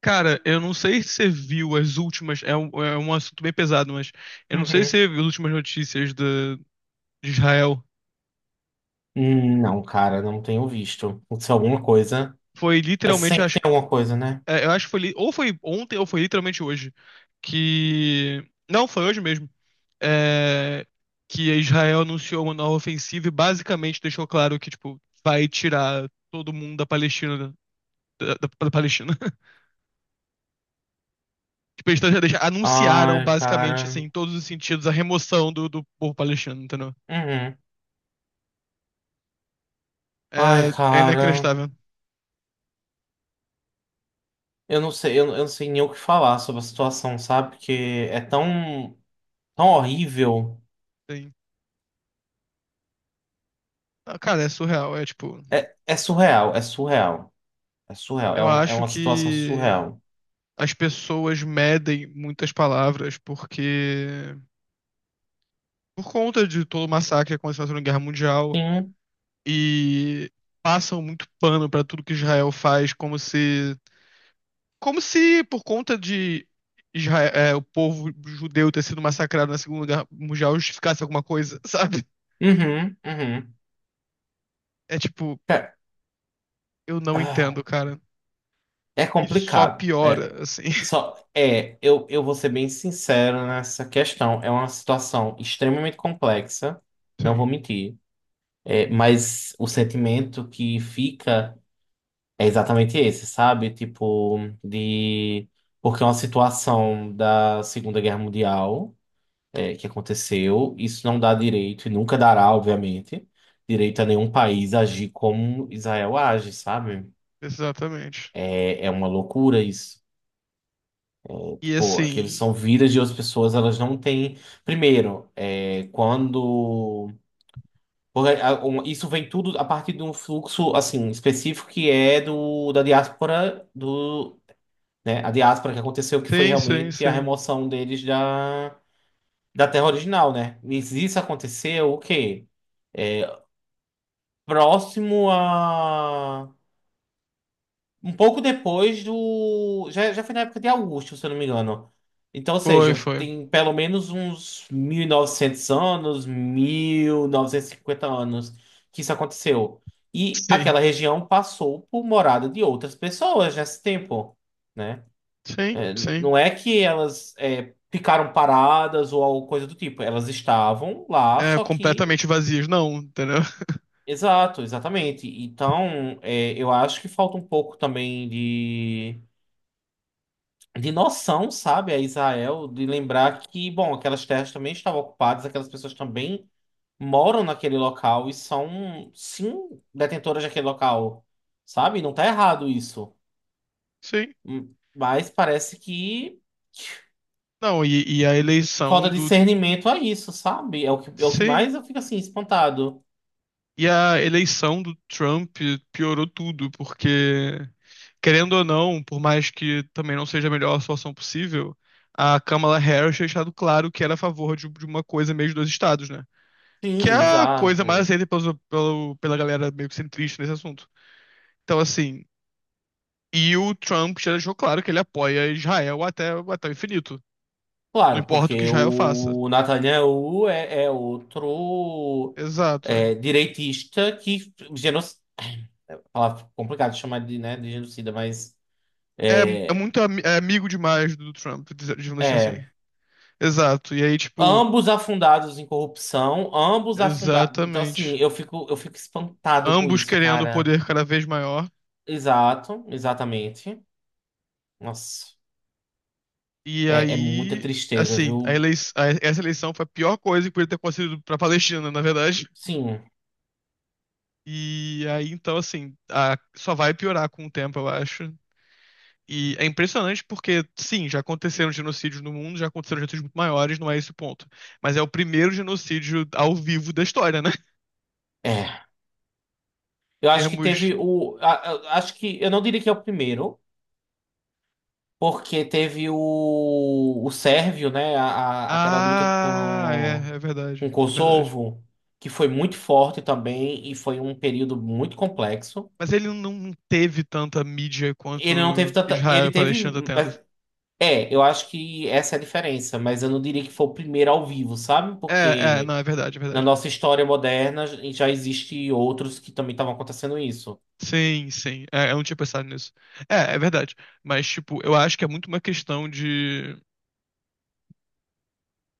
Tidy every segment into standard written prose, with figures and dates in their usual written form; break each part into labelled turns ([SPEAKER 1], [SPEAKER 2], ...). [SPEAKER 1] Cara, eu não sei se você viu as últimas. É um assunto bem pesado, mas eu não sei se
[SPEAKER 2] Uhum.
[SPEAKER 1] você viu as últimas notícias de Israel.
[SPEAKER 2] Não, cara, não tenho visto. Se é alguma coisa.
[SPEAKER 1] Foi
[SPEAKER 2] É
[SPEAKER 1] literalmente,
[SPEAKER 2] sempre tem
[SPEAKER 1] acho,
[SPEAKER 2] alguma coisa, né?
[SPEAKER 1] eu acho que foi. Ou foi ontem, ou foi literalmente hoje. Que. Não, foi hoje mesmo. É, que Israel anunciou uma nova ofensiva e basicamente deixou claro que, tipo, vai tirar todo mundo da Palestina. Da Palestina. Tipo, eles já anunciaram
[SPEAKER 2] Ai,
[SPEAKER 1] basicamente, assim,
[SPEAKER 2] cara.
[SPEAKER 1] em todos os sentidos, a remoção do povo palestino, entendeu?
[SPEAKER 2] Uhum. Ai,
[SPEAKER 1] É
[SPEAKER 2] cara.
[SPEAKER 1] inacreditável.
[SPEAKER 2] Eu não sei, eu não sei nem o que falar sobre a situação, sabe? Porque é tão, tão horrível.
[SPEAKER 1] Sim. Ah, cara, é surreal. É tipo,
[SPEAKER 2] É surreal, é surreal. É surreal. É
[SPEAKER 1] eu
[SPEAKER 2] uma, é
[SPEAKER 1] acho
[SPEAKER 2] uma situação
[SPEAKER 1] que
[SPEAKER 2] surreal.
[SPEAKER 1] as pessoas medem muitas palavras porque, por conta de todo o massacre que aconteceu na Segunda Guerra Mundial,
[SPEAKER 2] Sim.
[SPEAKER 1] e passam muito pano pra tudo que Israel faz, como se por conta de Israel, o povo judeu ter sido massacrado na Segunda Guerra Mundial justificasse alguma coisa, sabe?
[SPEAKER 2] Uhum, uhum.
[SPEAKER 1] É tipo,
[SPEAKER 2] É,
[SPEAKER 1] eu não entendo,
[SPEAKER 2] ah,
[SPEAKER 1] cara.
[SPEAKER 2] é
[SPEAKER 1] E só
[SPEAKER 2] complicado. É,
[SPEAKER 1] piora, assim.
[SPEAKER 2] só, é, eu vou ser bem sincero nessa questão. É uma situação extremamente complexa, não vou
[SPEAKER 1] Sim.
[SPEAKER 2] mentir. Mas o sentimento que fica é exatamente esse, sabe? Tipo, de. Porque é uma situação da Segunda Guerra Mundial, que aconteceu. Isso não dá direito, e nunca dará, obviamente, direito a nenhum país agir como Israel age, sabe?
[SPEAKER 1] Exatamente.
[SPEAKER 2] É uma loucura isso.
[SPEAKER 1] E
[SPEAKER 2] Tipo, aqueles
[SPEAKER 1] assim,
[SPEAKER 2] são vidas de outras pessoas, elas não têm. Primeiro, é, quando. Porque, a, um, isso vem tudo a partir de um fluxo assim específico que é do da diáspora do, né, a diáspora que aconteceu que foi
[SPEAKER 1] sim, sim,
[SPEAKER 2] realmente a
[SPEAKER 1] sim.
[SPEAKER 2] remoção deles da terra original, né? Mas isso aconteceu o quê? Próximo a um pouco depois do. Já foi na época de Augusto, se eu não me engano. Então, ou
[SPEAKER 1] Foi,
[SPEAKER 2] seja,
[SPEAKER 1] foi.
[SPEAKER 2] tem pelo menos uns 1900 anos, 1950 anos que isso aconteceu. E
[SPEAKER 1] Sim,
[SPEAKER 2] aquela região passou por morada de outras pessoas nesse tempo, né?
[SPEAKER 1] sim,
[SPEAKER 2] É,
[SPEAKER 1] sim.
[SPEAKER 2] não é que elas ficaram paradas ou alguma coisa do tipo. Elas estavam lá,
[SPEAKER 1] É
[SPEAKER 2] só que.
[SPEAKER 1] completamente vazios, não, entendeu?
[SPEAKER 2] Exato, exatamente. Então, eu acho que falta um pouco também de noção, sabe, a Israel, de lembrar que, bom, aquelas terras também estavam ocupadas, aquelas pessoas também moram naquele local e são, sim, detentoras daquele local, sabe? Não tá errado isso.
[SPEAKER 1] Sim.
[SPEAKER 2] Mas parece que
[SPEAKER 1] Não, e a eleição
[SPEAKER 2] falta
[SPEAKER 1] do.
[SPEAKER 2] discernimento a isso, sabe? É o que
[SPEAKER 1] Sim.
[SPEAKER 2] mais eu fico assim, espantado.
[SPEAKER 1] E a eleição do Trump piorou tudo, porque, querendo ou não, por mais que também não seja a melhor solução possível, a Kamala Harris tinha deixado claro que era a favor de uma coisa meio de dois estados, né? Que
[SPEAKER 2] Sim,
[SPEAKER 1] é a coisa
[SPEAKER 2] exato.
[SPEAKER 1] mais aceita pela galera meio que centrista nesse assunto. Então, assim, e o Trump já deixou claro que ele apoia Israel até o infinito. Não
[SPEAKER 2] Claro,
[SPEAKER 1] importa
[SPEAKER 2] porque
[SPEAKER 1] o que Israel faça.
[SPEAKER 2] o Netanyahu é outro
[SPEAKER 1] Exato.
[SPEAKER 2] direitista que geno... Ela é complicado chamar de, né, de genocida, mas
[SPEAKER 1] É, é
[SPEAKER 2] é,
[SPEAKER 1] muito ami- é amigo demais do Trump, digamos assim.
[SPEAKER 2] é,
[SPEAKER 1] Exato. E aí, tipo,
[SPEAKER 2] ambos afundados em corrupção, ambos afundados. Então, assim,
[SPEAKER 1] exatamente.
[SPEAKER 2] eu fico espantado com
[SPEAKER 1] Ambos
[SPEAKER 2] isso,
[SPEAKER 1] querendo
[SPEAKER 2] cara.
[SPEAKER 1] poder cada vez maior.
[SPEAKER 2] Exato, exatamente. Nossa,
[SPEAKER 1] E
[SPEAKER 2] é muita
[SPEAKER 1] aí,
[SPEAKER 2] tristeza,
[SPEAKER 1] assim,
[SPEAKER 2] viu?
[SPEAKER 1] essa eleição foi a pior coisa que podia ter acontecido pra Palestina, na verdade.
[SPEAKER 2] Sim,
[SPEAKER 1] E aí, então, assim, só vai piorar com o tempo, eu acho. E é impressionante porque, sim, já aconteceram genocídios no mundo, já aconteceram genocídios muito maiores, não é esse o ponto. Mas é o primeiro genocídio ao vivo da história, né?
[SPEAKER 2] é. Eu
[SPEAKER 1] Em
[SPEAKER 2] acho que
[SPEAKER 1] termos.
[SPEAKER 2] teve o. Acho que eu não diria que é o primeiro. Porque teve o, Sérvio, né? Aquela luta
[SPEAKER 1] Ah,
[SPEAKER 2] com,
[SPEAKER 1] é, é
[SPEAKER 2] com
[SPEAKER 1] verdade, é verdade.
[SPEAKER 2] Kosovo, que foi muito forte também e foi um período muito complexo.
[SPEAKER 1] Mas ele não teve tanta mídia quanto
[SPEAKER 2] Ele não teve tanta.
[SPEAKER 1] Israel
[SPEAKER 2] Ele
[SPEAKER 1] e
[SPEAKER 2] teve.
[SPEAKER 1] Palestina tá tendo.
[SPEAKER 2] mas- É, eu acho que essa é a diferença, mas eu não diria que foi o primeiro ao vivo, sabe?
[SPEAKER 1] Não,
[SPEAKER 2] Porque
[SPEAKER 1] é verdade, é
[SPEAKER 2] na
[SPEAKER 1] verdade.
[SPEAKER 2] nossa história moderna já existe outros que também estavam acontecendo isso.
[SPEAKER 1] Sim, sim. É, eu não tinha pensado nisso. É, é verdade. Mas, tipo, eu acho que é muito uma questão de.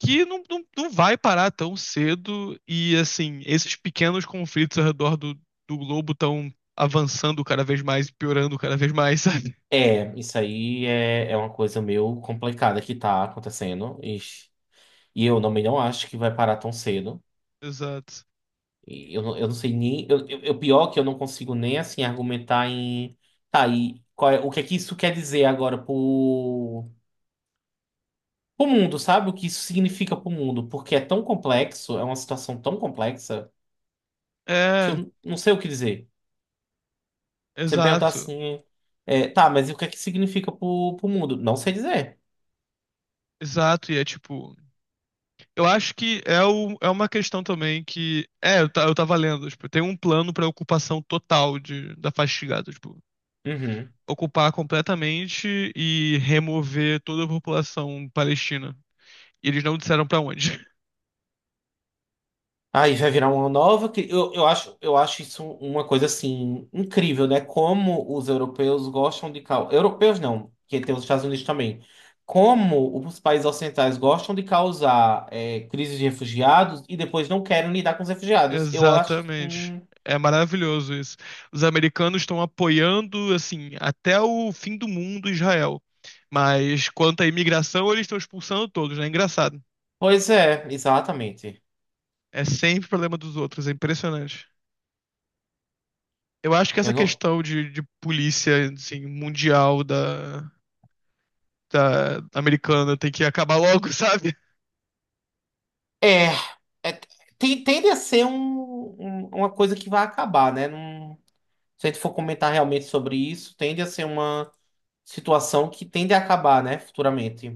[SPEAKER 1] Que não, não vai parar tão cedo e assim, esses pequenos conflitos ao redor do globo estão avançando cada vez mais e piorando cada vez mais, sabe?
[SPEAKER 2] É, isso aí é uma coisa meio complicada que tá acontecendo. Ixi. E eu também não acho que vai parar tão cedo.
[SPEAKER 1] Exato.
[SPEAKER 2] E eu não sei nem. Pior que eu não consigo nem assim argumentar em. Tá, e o que é que isso quer dizer agora pro, mundo, sabe? O que isso significa pro mundo? Porque é tão complexo, é uma situação tão complexa, que
[SPEAKER 1] É,
[SPEAKER 2] eu não sei o que dizer. Você me perguntar
[SPEAKER 1] exato.
[SPEAKER 2] assim. Tá, mas e o que é que significa pro mundo? Não sei dizer.
[SPEAKER 1] Exato, e é tipo, eu acho que é uma questão também que, eu tava lendo, tipo, tem um plano pra ocupação total de, da Fatigados, tipo,
[SPEAKER 2] Uhum.
[SPEAKER 1] ocupar completamente e remover toda a população palestina. E eles não disseram pra onde.
[SPEAKER 2] Aí vai virar uma nova. Eu acho isso uma coisa assim incrível, né? Como os europeus gostam de causar. Europeus não, que tem os Estados Unidos também. Como os países ocidentais gostam de causar crises de refugiados e depois não querem lidar com os refugiados. Eu acho.
[SPEAKER 1] Exatamente. É maravilhoso isso. Os americanos estão apoiando, assim, até o fim do mundo Israel. Mas quanto à imigração, eles estão expulsando todos, né? É engraçado.
[SPEAKER 2] Pois é, exatamente.
[SPEAKER 1] É sempre problema dos outros, é impressionante. Eu acho que
[SPEAKER 2] Eu
[SPEAKER 1] essa
[SPEAKER 2] não.
[SPEAKER 1] questão de polícia, assim, mundial da americana tem que acabar logo, sabe?
[SPEAKER 2] É. é- Tende a ser uma coisa que vai acabar, né? Se a gente for comentar realmente sobre isso, tende a ser uma. Situação que tende a acabar, né, futuramente.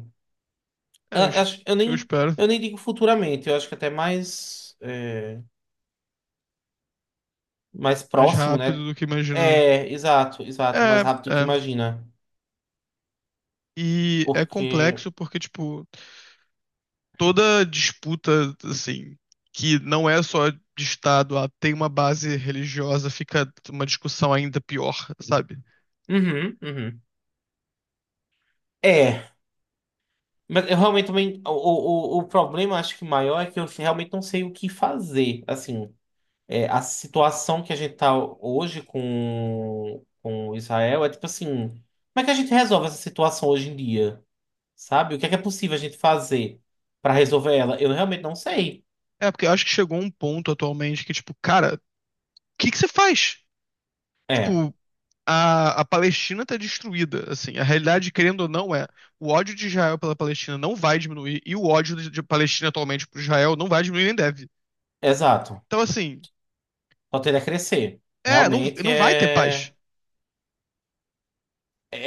[SPEAKER 2] Eu,
[SPEAKER 1] É, eu,
[SPEAKER 2] eu
[SPEAKER 1] es-
[SPEAKER 2] acho- eu
[SPEAKER 1] eu
[SPEAKER 2] nem,
[SPEAKER 1] espero.
[SPEAKER 2] eu nem digo futuramente, eu acho que até mais, mais
[SPEAKER 1] Mais
[SPEAKER 2] próximo, né?
[SPEAKER 1] rápido do que imagina, né?
[SPEAKER 2] Exato, exato,
[SPEAKER 1] É,
[SPEAKER 2] mais rápido que
[SPEAKER 1] é.
[SPEAKER 2] imagina.
[SPEAKER 1] E é
[SPEAKER 2] Porque.
[SPEAKER 1] complexo porque, tipo. Toda disputa, assim, que não é só de Estado, ah, tem uma base religiosa, fica uma discussão ainda pior, sabe?
[SPEAKER 2] Uhum, uhum. É, mas eu realmente também. O problema, acho que maior, é que eu realmente não sei o que fazer. Assim, a situação que a gente tá hoje com Israel é tipo assim: como é que a gente resolve essa situação hoje em dia? Sabe? O que é possível a gente fazer pra resolver ela? Eu realmente não sei.
[SPEAKER 1] É, porque eu acho que chegou um ponto atualmente que, tipo, cara, o que que você faz?
[SPEAKER 2] É,
[SPEAKER 1] Tipo, a Palestina está destruída. Assim, a realidade, querendo ou não, é o ódio de Israel pela Palestina não vai diminuir e o ódio de Palestina atualmente por Israel não vai diminuir nem deve.
[SPEAKER 2] exato.
[SPEAKER 1] Então, assim,
[SPEAKER 2] Só tende a crescer.
[SPEAKER 1] é, não,
[SPEAKER 2] Realmente
[SPEAKER 1] não vai ter paz.
[SPEAKER 2] é.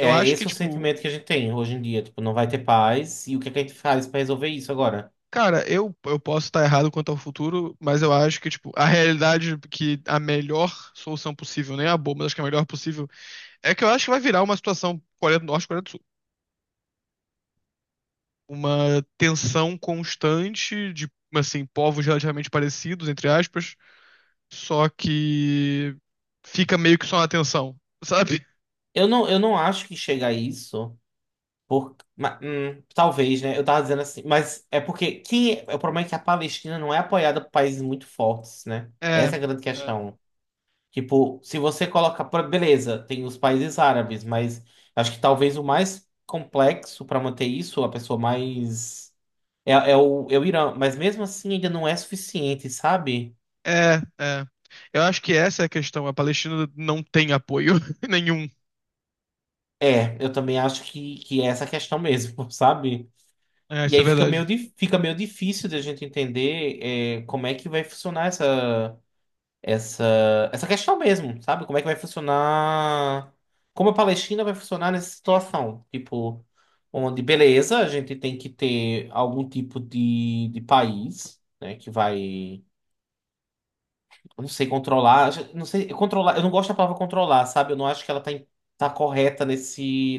[SPEAKER 1] Eu acho que,
[SPEAKER 2] esse o
[SPEAKER 1] tipo,
[SPEAKER 2] sentimento que a gente tem hoje em dia. Tipo, não vai ter paz. E o que é que a gente faz pra resolver isso agora?
[SPEAKER 1] cara, eu posso estar errado quanto ao futuro, mas eu acho que, tipo, a realidade que a melhor solução possível, nem a boa, mas acho que a melhor possível, é que eu acho que vai virar uma situação Coreia do Norte, e Coreia do Sul. Uma tensão constante de, assim, povos relativamente parecidos, entre aspas só que fica meio que só na tensão, sabe?
[SPEAKER 2] Eu não acho que chega a isso. Talvez, né? Eu tava dizendo assim. Mas é porque. O problema é que a Palestina não é apoiada por países muito fortes, né?
[SPEAKER 1] É,
[SPEAKER 2] Essa é a grande
[SPEAKER 1] é,
[SPEAKER 2] questão. Tipo, se você coloca, beleza, tem os países árabes, mas acho que talvez o mais complexo para manter isso, a pessoa mais é o Irã, mas mesmo assim ainda não é suficiente, sabe?
[SPEAKER 1] é, é. Eu acho que essa é a questão. A Palestina não tem apoio nenhum.
[SPEAKER 2] Eu também acho que é essa questão mesmo, sabe?
[SPEAKER 1] É,
[SPEAKER 2] E
[SPEAKER 1] isso é
[SPEAKER 2] aí
[SPEAKER 1] verdade.
[SPEAKER 2] fica meio difícil de a gente entender como é que vai funcionar essa. essa, questão mesmo, sabe? Como é que vai funcionar? Como a Palestina vai funcionar nessa situação? Tipo, onde, beleza, a gente tem que ter algum tipo de país, né, que vai, eu não sei, controlar, eu não sei, controlar, eu não gosto da palavra controlar, sabe? Eu não acho que ela tá, tá correta nesse,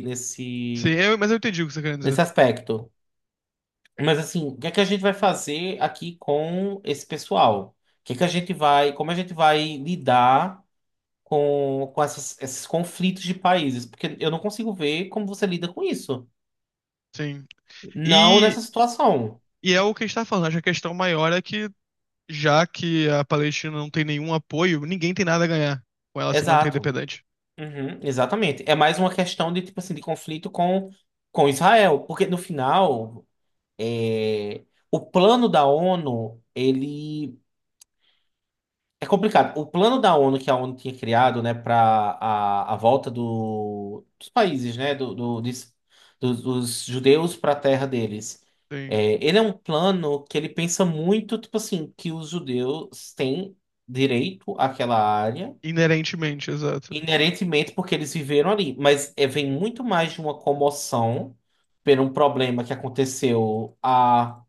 [SPEAKER 1] Sim,
[SPEAKER 2] nesse,
[SPEAKER 1] mas eu entendi o que você quer dizer.
[SPEAKER 2] nesse aspecto. Mas assim, o que é que a gente vai fazer aqui com esse pessoal? O que é que a gente vai, como a gente vai lidar? Com esses conflitos de países, porque eu não consigo ver como você lida com isso.
[SPEAKER 1] Sim.
[SPEAKER 2] Não nessa
[SPEAKER 1] E,
[SPEAKER 2] situação.
[SPEAKER 1] e é o que a gente tá falando. Acho que a questão maior é que, já que a Palestina não tem nenhum apoio, ninguém tem nada a ganhar com ela se manter
[SPEAKER 2] Exato.
[SPEAKER 1] independente.
[SPEAKER 2] Uhum, exatamente. É mais uma questão de, tipo assim, de conflito com, Israel, porque no final, é, o plano da ONU, ele é complicado. O plano da ONU que a ONU tinha criado, né, para a, volta do, dos países, né, dos judeus para a terra deles,
[SPEAKER 1] Sim.
[SPEAKER 2] ele é um plano que ele pensa muito, tipo assim, que os judeus têm direito àquela área,
[SPEAKER 1] Inerentemente, exato.
[SPEAKER 2] inerentemente porque eles viveram ali. Mas vem muito mais de uma comoção por um problema que aconteceu há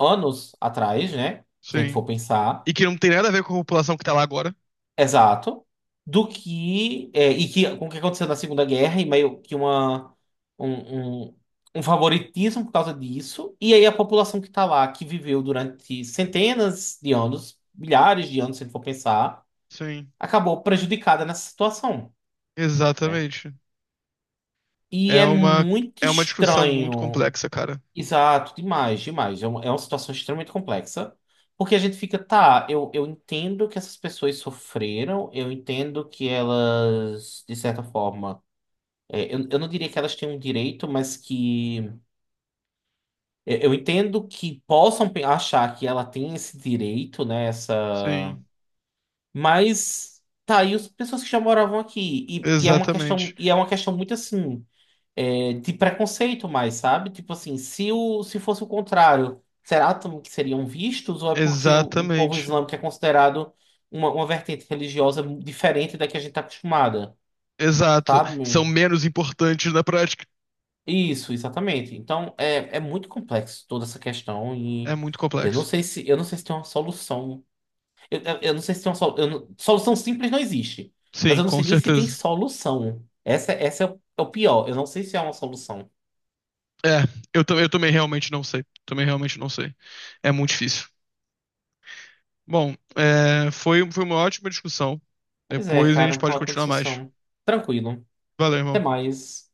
[SPEAKER 2] anos atrás, né, se a gente for
[SPEAKER 1] Sim.
[SPEAKER 2] pensar.
[SPEAKER 1] E que não tem nada a ver com a população que tá lá agora.
[SPEAKER 2] Exato. Do que. E que, com o que aconteceu na Segunda Guerra, e meio que um, um, um favoritismo por causa disso. E aí a população que está lá, que viveu durante centenas de anos, milhares de anos, se a gente for pensar,
[SPEAKER 1] Sim.
[SPEAKER 2] acabou prejudicada nessa situação, né?
[SPEAKER 1] Exatamente.
[SPEAKER 2] E
[SPEAKER 1] É
[SPEAKER 2] é
[SPEAKER 1] uma,
[SPEAKER 2] muito
[SPEAKER 1] é uma discussão muito
[SPEAKER 2] estranho.
[SPEAKER 1] complexa, cara.
[SPEAKER 2] Exato, demais, demais. É uma situação extremamente complexa, porque a gente fica, tá, eu entendo que essas pessoas sofreram, eu entendo que elas, de certa forma, eu não diria que elas têm um direito, mas que eu entendo que possam achar que ela tem esse direito, né, essa...
[SPEAKER 1] Sim,
[SPEAKER 2] Mas, tá, e as pessoas que já moravam aqui? E é uma questão,
[SPEAKER 1] exatamente.
[SPEAKER 2] e é uma questão muito assim. De preconceito mais, sabe? Tipo assim, se, o, se fosse o contrário, será que seriam vistos ou é porque o, povo
[SPEAKER 1] Exatamente.
[SPEAKER 2] islâmico é considerado uma, vertente religiosa diferente da que a gente está acostumada,
[SPEAKER 1] Exato. São
[SPEAKER 2] sabe?
[SPEAKER 1] menos importantes na prática.
[SPEAKER 2] Isso, exatamente. Então, é muito complexo toda essa questão
[SPEAKER 1] É
[SPEAKER 2] e
[SPEAKER 1] muito
[SPEAKER 2] eu não
[SPEAKER 1] complexo.
[SPEAKER 2] sei se eu não sei se tem uma solução. Eu não sei. Se tem uma solu- eu não- Solução simples não existe, mas
[SPEAKER 1] Sim,
[SPEAKER 2] eu não
[SPEAKER 1] com
[SPEAKER 2] sei nem se tem
[SPEAKER 1] certeza.
[SPEAKER 2] solução. Essa é o pior. Eu não sei se é uma solução.
[SPEAKER 1] É, eu também realmente não sei. Também realmente não sei. É muito difícil. Bom, foi uma ótima discussão.
[SPEAKER 2] Pois é,
[SPEAKER 1] Depois a
[SPEAKER 2] cara,
[SPEAKER 1] gente
[SPEAKER 2] uma
[SPEAKER 1] pode
[SPEAKER 2] ótima
[SPEAKER 1] continuar mais.
[SPEAKER 2] discussão. Tranquilo.
[SPEAKER 1] Valeu,
[SPEAKER 2] Até
[SPEAKER 1] irmão.
[SPEAKER 2] mais.